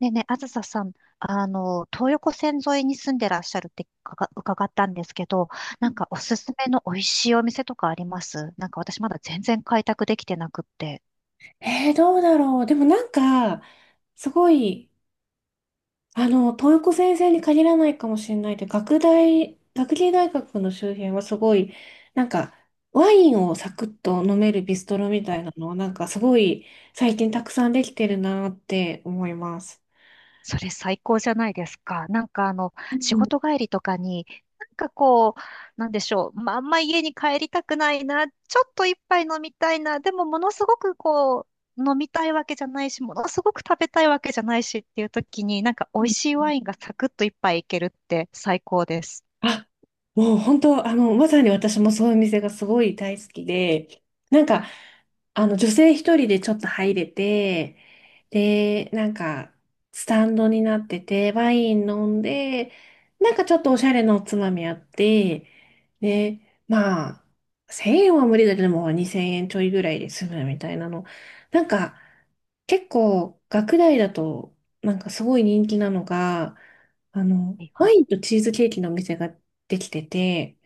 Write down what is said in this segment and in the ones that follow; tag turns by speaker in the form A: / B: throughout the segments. A: でね、あずささん、東横線沿いに住んでらっしゃるってかが伺ったんですけど、おすすめの美味しいお店とかあります？私まだ全然開拓できてなくって。
B: どうだろう。でもなんか、すごい、東横先生に限らないかもしれないで、学大、学芸大学の周辺はすごい、なんか、ワインをサクッと飲めるビストロみたいなのは、なんかすごい、最近たくさんできてるなって思います。
A: それ最高じゃないですか。
B: う
A: 仕
B: ん、
A: 事帰りとかに、なんかこう、なんでしょう。まあ、あんま家に帰りたくないな。ちょっと一杯飲みたいな。でもものすごくこう、飲みたいわけじゃないし、ものすごく食べたいわけじゃないしっていう時に、美
B: う
A: 味
B: ん。
A: しいワインがサクッと一杯いけるって最高です。
B: あ、もう本当、まさに私もそういう店がすごい大好きで、なんか、女性一人でちょっと入れて、で、なんか、スタンドになってて、ワイン飲んで、なんかちょっとおしゃれなおつまみあって、で、まあ、1000円は無理だけども、2000円ちょいぐらいで済むみたいなの。なんか、結構、学大だと、なんかすごい人気なのが、
A: はいは
B: ワ
A: い。
B: インとチーズケーキのお店ができてて、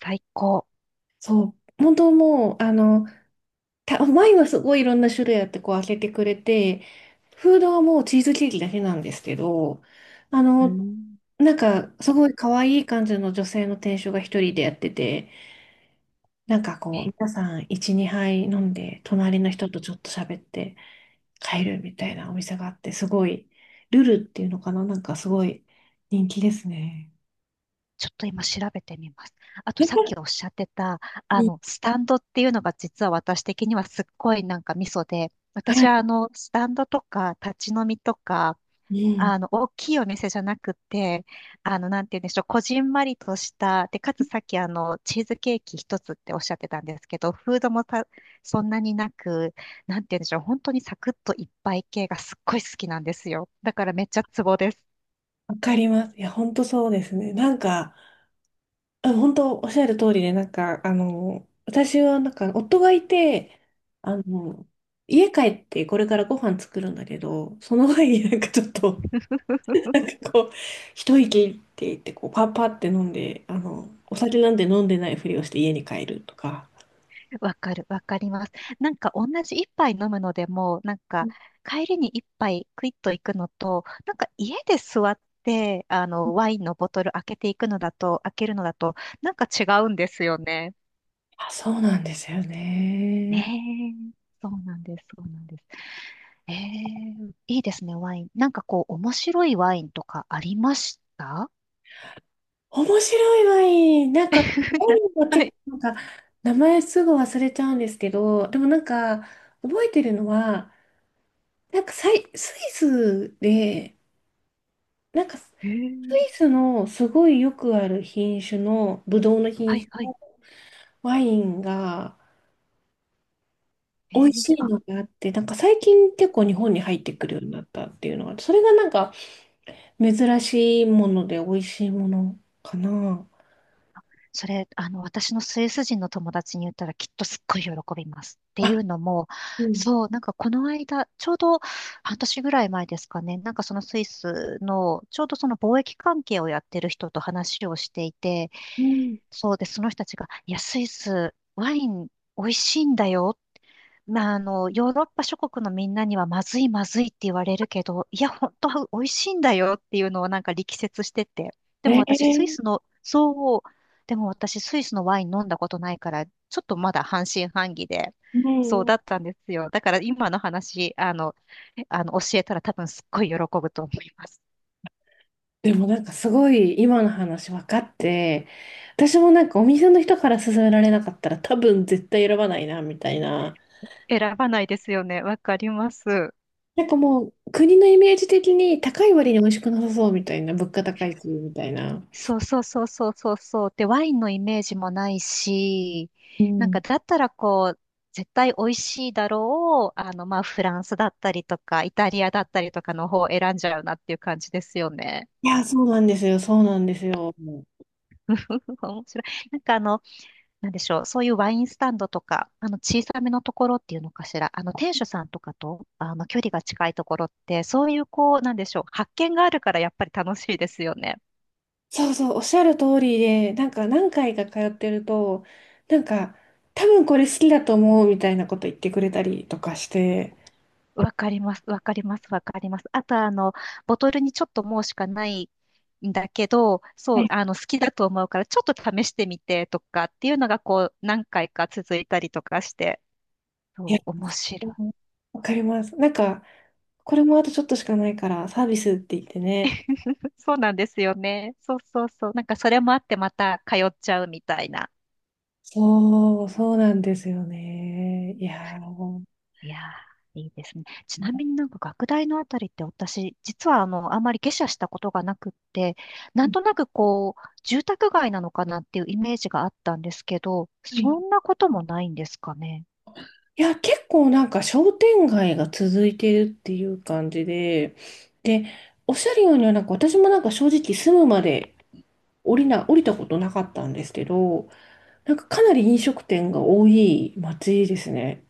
A: 最高。
B: そう、本当もう、前はすごいいろんな種類あってこう開けてくれて、フードはもうチーズケーキだけなんですけど、あ
A: う
B: の、
A: ん。
B: なんかすごい可愛い感じの女性の店主が一人でやってて、なんかこう皆
A: え
B: さん1、2杯飲んで隣の人とちょっと喋って帰るみたいなお店があって、すごいルルっていうのかな、なんかすごい人気ですね。
A: ちょっと今調べてみます。あと
B: やっ
A: さっ
B: ぱ
A: きおっしゃってた、あ
B: り、
A: の、スタンドっていうのが実は私的にはすっごいミソで、私は
B: は
A: あの、スタンドとか立ち飲みとか、
B: い、うん、
A: あの、大きいお店じゃなくて、あの、なんて言うんでしょう、こじんまりとした、で、かつさっきチーズケーキ一つっておっしゃってたんですけど、フードもそんなになく、なんて言うんでしょう、本当にサクッといっぱい系がすっごい好きなんですよ。だからめっちゃツボです。
B: わかります。いや、本当そうですね。なんか、あ、本当おっしゃる通りで、なんか、私はなんか、夫がいて、あの、家帰ってこれからご飯作るんだけど、その前になんかちょっと、なんかこう、一息って言って、こう、パッパって飲んで、お酒なんて飲んでないふりをして家に帰るとか。
A: わかる、わかります。同じ一杯飲むのでも、帰りに一杯クイッと行くのと、家で座って、あの、ワインのボトル開けていくのだと、開けるのだと、違うんですよね。
B: あ、そうなんですよね。
A: ねえ。そうなんです、そうなんです。ええ、いいですね、ワイン。なんかこう、面白いワインとかありました？
B: 面白いワイン。なんか、ワイ
A: な
B: ンも
A: は
B: 結
A: い。
B: 構なんか、名前すぐ忘れちゃうんですけど、でもなんか、覚えてるのは、なんかスイスで、なんかス
A: ええ、
B: イスのすごいよくある品種の、ブドウの
A: は
B: 品
A: い、
B: 種
A: はい。
B: のワインが
A: え
B: 美味
A: え、
B: しいの
A: あ、
B: があって、なんか最近結構日本に入ってくるようになったっていうのが、それがなんか珍しいもので美味しいものかな。
A: それ、あの、私のスイス人の友達に言ったらきっとすっごい喜びます。ってい
B: あ、
A: うのも、
B: うん。
A: そう、この間、ちょうど半年ぐらい前ですかね、そのスイスの、ちょうどその貿易関係をやってる人と話をしていて、
B: うん、
A: そうで、その人たちが、いや、スイス、ワイン美味しいんだよ、まあ、あの、ヨーロッパ諸国のみんなにはまずいまずいって言われるけど、いや、本当は美味しいんだよっていうのを力説してて。
B: え
A: でも私、スイ
B: ー、
A: スの、そう、でも私、スイスのワイン飲んだことないから、ちょっとまだ半信半疑で、
B: う
A: そう
B: ん、う
A: だ
B: ん。
A: ったんですよ。だから今の話、あの、教えたら多分すっごい喜ぶと思います。
B: でもなんかすごい今の話分かって、私もなんかお店の人から勧められなかったら多分絶対選ばないなみたいな。
A: 選ばないですよね。わかります。
B: なんかもう、国のイメージ的に高い割に美味しくなさそうみたいな、物価高いし、みたいな。
A: そうそうそうそうそうそう。で、ワインのイメージもないし、
B: う
A: なんか
B: ん。
A: だったらこう、絶対美味しいだろう、あの、まあ、フランスだったりとか、イタリアだったりとかの方を選んじゃうなっていう感じですよね。
B: いや、そうなんですよ、そうなんですよ。
A: 面白い。なんでしょう、そういうワインスタンドとか、あの、小さめのところっていうのかしら、あの、店主さんとかと、あの、距離が近いところって、そういうこう、なんでしょう、発見があるからやっぱり楽しいですよね。
B: そうそう、おっしゃる通りで、なんか何回か通ってると、なんか、多分これ好きだと思うみたいなこと言ってくれたりとかして、
A: わかります、わかります、わかります。あと、あの、ボトルにちょっともうしかないんだけど、
B: は
A: そう、
B: い。
A: あの、好きだと思うから、ちょっと試してみてとかっていうのが、こう、何回か続いたりとかして、
B: いや、
A: そう、面白い。
B: わかります。なんか、これもあとちょっとしかないから、サービスって言ってね。
A: そうなんですよね。そうそうそう。それもあって、また通っちゃうみたいな。
B: そう、そうなんですよね。いやー、
A: いやー、いいですね。ちなみに学大のあたりって私、実はあの、あんまり下車したことがなくって、なんとなくこう、住宅街なのかなっていうイメージがあったんですけど、
B: はい。
A: そんなこともないんですかね。
B: いや、結構なんか商店街が続いてるっていう感じで、で、おっしゃるようにはなんか私もなんか正直住むまで降りたことなかったんですけど、なんかかなり飲食店が多い街ですね。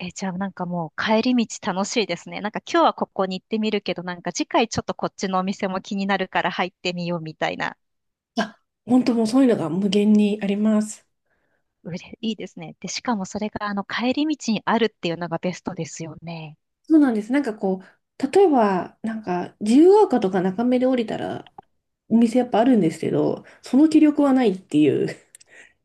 A: え、じゃあもう帰り道楽しいですね。今日はここに行ってみるけど、次回ちょっとこっちのお店も気になるから入ってみようみたいな。
B: あ、本当もうそういうのが無限にあります。
A: うれいいですね。で、しかもそれがあの帰り道にあるっていうのがベストですよね。
B: そうなんです。なんかこう、例えばなんか自由が丘とか中目で降りたらお店やっぱあるんですけど、その気力はないっていう。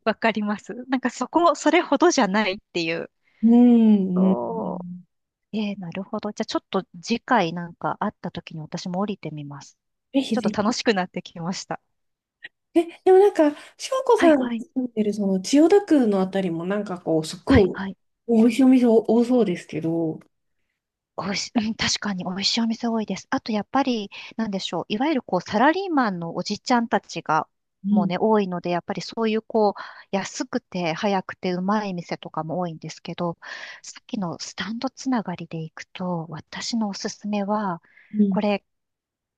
A: わかります。そこ、それほどじゃないっていう。
B: うん、う
A: そ
B: ん。
A: う。えー、なるほど。じゃあちょっと次回会った時に私も降りてみます。
B: ぜひ
A: ちょ
B: ぜ
A: っ
B: ひ。
A: と楽しくなってきました。
B: え、でもなんか、翔子
A: は
B: さ
A: い
B: んが
A: はい。
B: 住んでるその千代田区のあたりもなんかこう、すっ
A: は
B: ご
A: い
B: い
A: はい。
B: 美味しいお店多そうですけど。
A: おいし、うん、確かに美味しいお店多いです。あとやっぱり、なんでしょう。いわゆるこう、サラリーマンのおじちゃんたちが、
B: う
A: もう
B: ん、
A: ね、多いので、やっぱりそういうこう、安くて早くてうまい店とかも多いんですけど、さっきのスタンドつながりで行くと、私のおすすめは、
B: うん。
A: これ、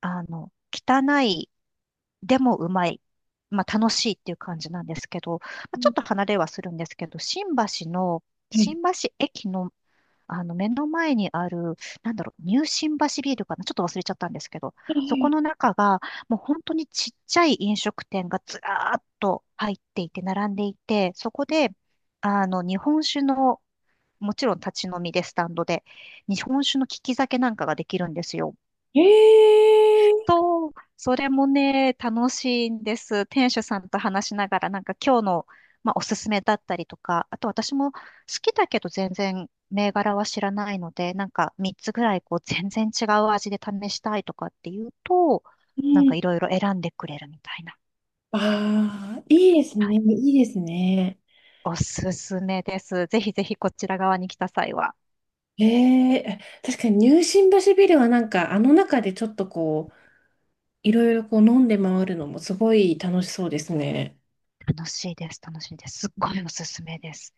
A: あの、汚いでもうまい。まあ楽しいっていう感じなんですけど、まあ、
B: う
A: ちょ
B: ん、
A: っと離れはするんですけど、新橋の、
B: はい。
A: 新橋駅の、あの目の前にある、なんだろう、ニュー新橋ビールかな、ちょっと忘れちゃったんですけど、そこの中が、もう本当にちっちゃい飲食店がずらーっと入っていて、並んでいて、そこで、あの、日本酒の、もちろん立ち飲みでスタンドで、日本酒の利き酒なんかができるんですよ。
B: ええ
A: そう、それもね、楽しいんです。店主さんと話しながら、今日の、まあ、おすすめだったりとか、あと私も好きだけど全然銘柄は知らないので、3つぐらいこう全然違う味で試したいとかっていうと、
B: ー、うん。
A: いろいろ選んでくれるみたいな。
B: ああ、いいです
A: は
B: ね。
A: い、
B: いいですね。
A: おすすめです。ぜひぜひこちら側に来た際は。
B: ええ、確かに入信橋ビルはなんか、あの中でちょっとこう、いろいろこう飲んで回るのもすごい楽しそうですね。
A: 楽しいです、楽しいです。すっごいおすすめです。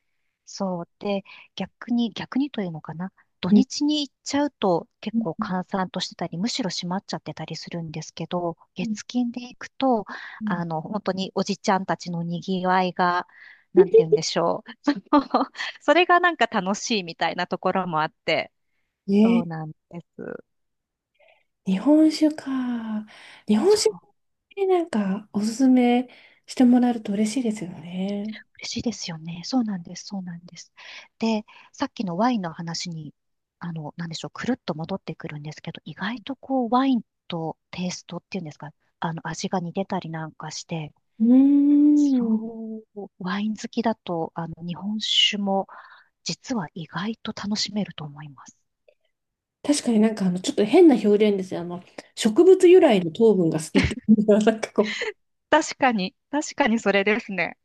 A: そう。で、逆に、逆にというのかな。土
B: うん、
A: 日に行っちゃうと結
B: う
A: 構
B: ん、
A: 閑散としてたり、むしろ閉まっちゃってたりするんですけど、
B: うん、
A: 月金で行くと、
B: うん。
A: あの、本当におじちゃんたちのにぎわいが、なんて言うん でしょう。それが楽しいみたいなところもあって。そう
B: ね。
A: なんです。
B: 日本酒か。日本
A: そ
B: 酒っ
A: う、
B: てなんかおすすめしてもらえると嬉しいですよね。
A: 嬉しいですよね。そうなんです。そうなんです。で、さっきのワインの話に、あの、なんでしょう、くるっと戻ってくるんですけど、意外とこう、ワインとテイストっていうんですか、あの、味が似てたりなんかして、
B: う
A: そ
B: ーん。
A: う、ワイン好きだと、あの、日本酒も、実は意外と楽しめると思います。
B: 確かになんかちょっと変な表現ですよ。植物由来の糖分が好きっていうのは なんかこう、
A: 確かに、確かにそれですね。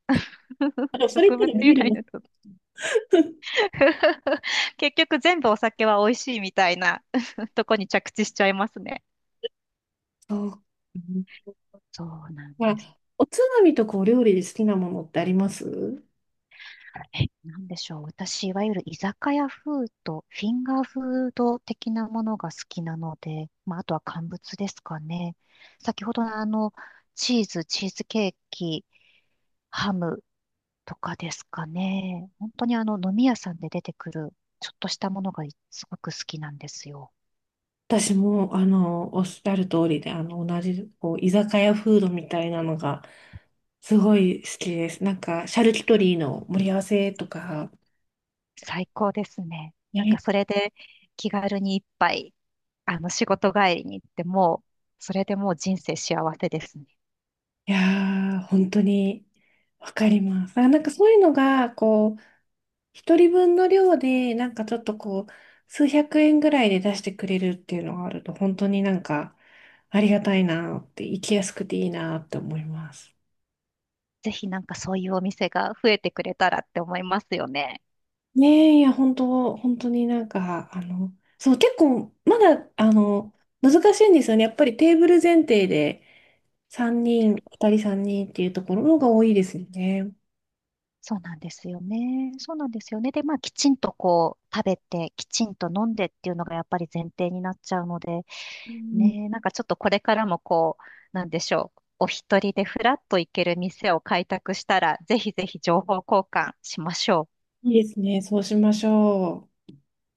B: それ言っ
A: 植物
B: たらビ
A: 由
B: ール
A: 来
B: も。
A: のと。結局全部お酒は美味しいみたいな とこに着地しちゃいますね。
B: そう。
A: そうなん
B: ま
A: です。
B: あ、おつまみとかお料理で好きなものってあります？
A: え、なんでしょう。私、いわゆる居酒屋風とフィンガーフード的なものが好きなので、まあ、あとは乾物ですかね。先ほどのあの、チーズ、チーズケーキ、ハムとかですかね。本当にあの、飲み屋さんで出てくる、ちょっとしたものがすごく好きなんですよ。
B: 私も、おっしゃる通りで、同じ、こう、居酒屋フードみたいなのが、すごい好きです。なんか、シャルキュトリーの盛り合わせとか、
A: 最高ですね。
B: ね、
A: それで気軽に一杯、あの、仕事帰りに行ってもう、それでもう人生幸せですね。
B: いやー、本当に、わかります。あ、なんかそういうのが、こう、一人分の量で、なんかちょっとこう、数百円ぐらいで出してくれるっていうのがあると、本当になんか、ありがたいなって、行きやすくていいなって思います。
A: ぜひそういうお店が増えてくれたらって思いますよね。
B: ねえ、いや、本当、本当になんか、そう、結構、まだ、難しいんですよね。やっぱりテーブル前提で3人、2人3人っていうところの方が多いですよね。
A: そうなんですよね。そうなんですよね。で、まあ、きちんとこう、食べて、きちんと飲んでっていうのがやっぱり前提になっちゃうので、
B: うん、
A: ね、ちょっとこれからもこう、なんでしょう。お一人でふらっと行ける店を開拓したら、ぜひぜひ情報交換しましょう。
B: いいですね。そうしましょう。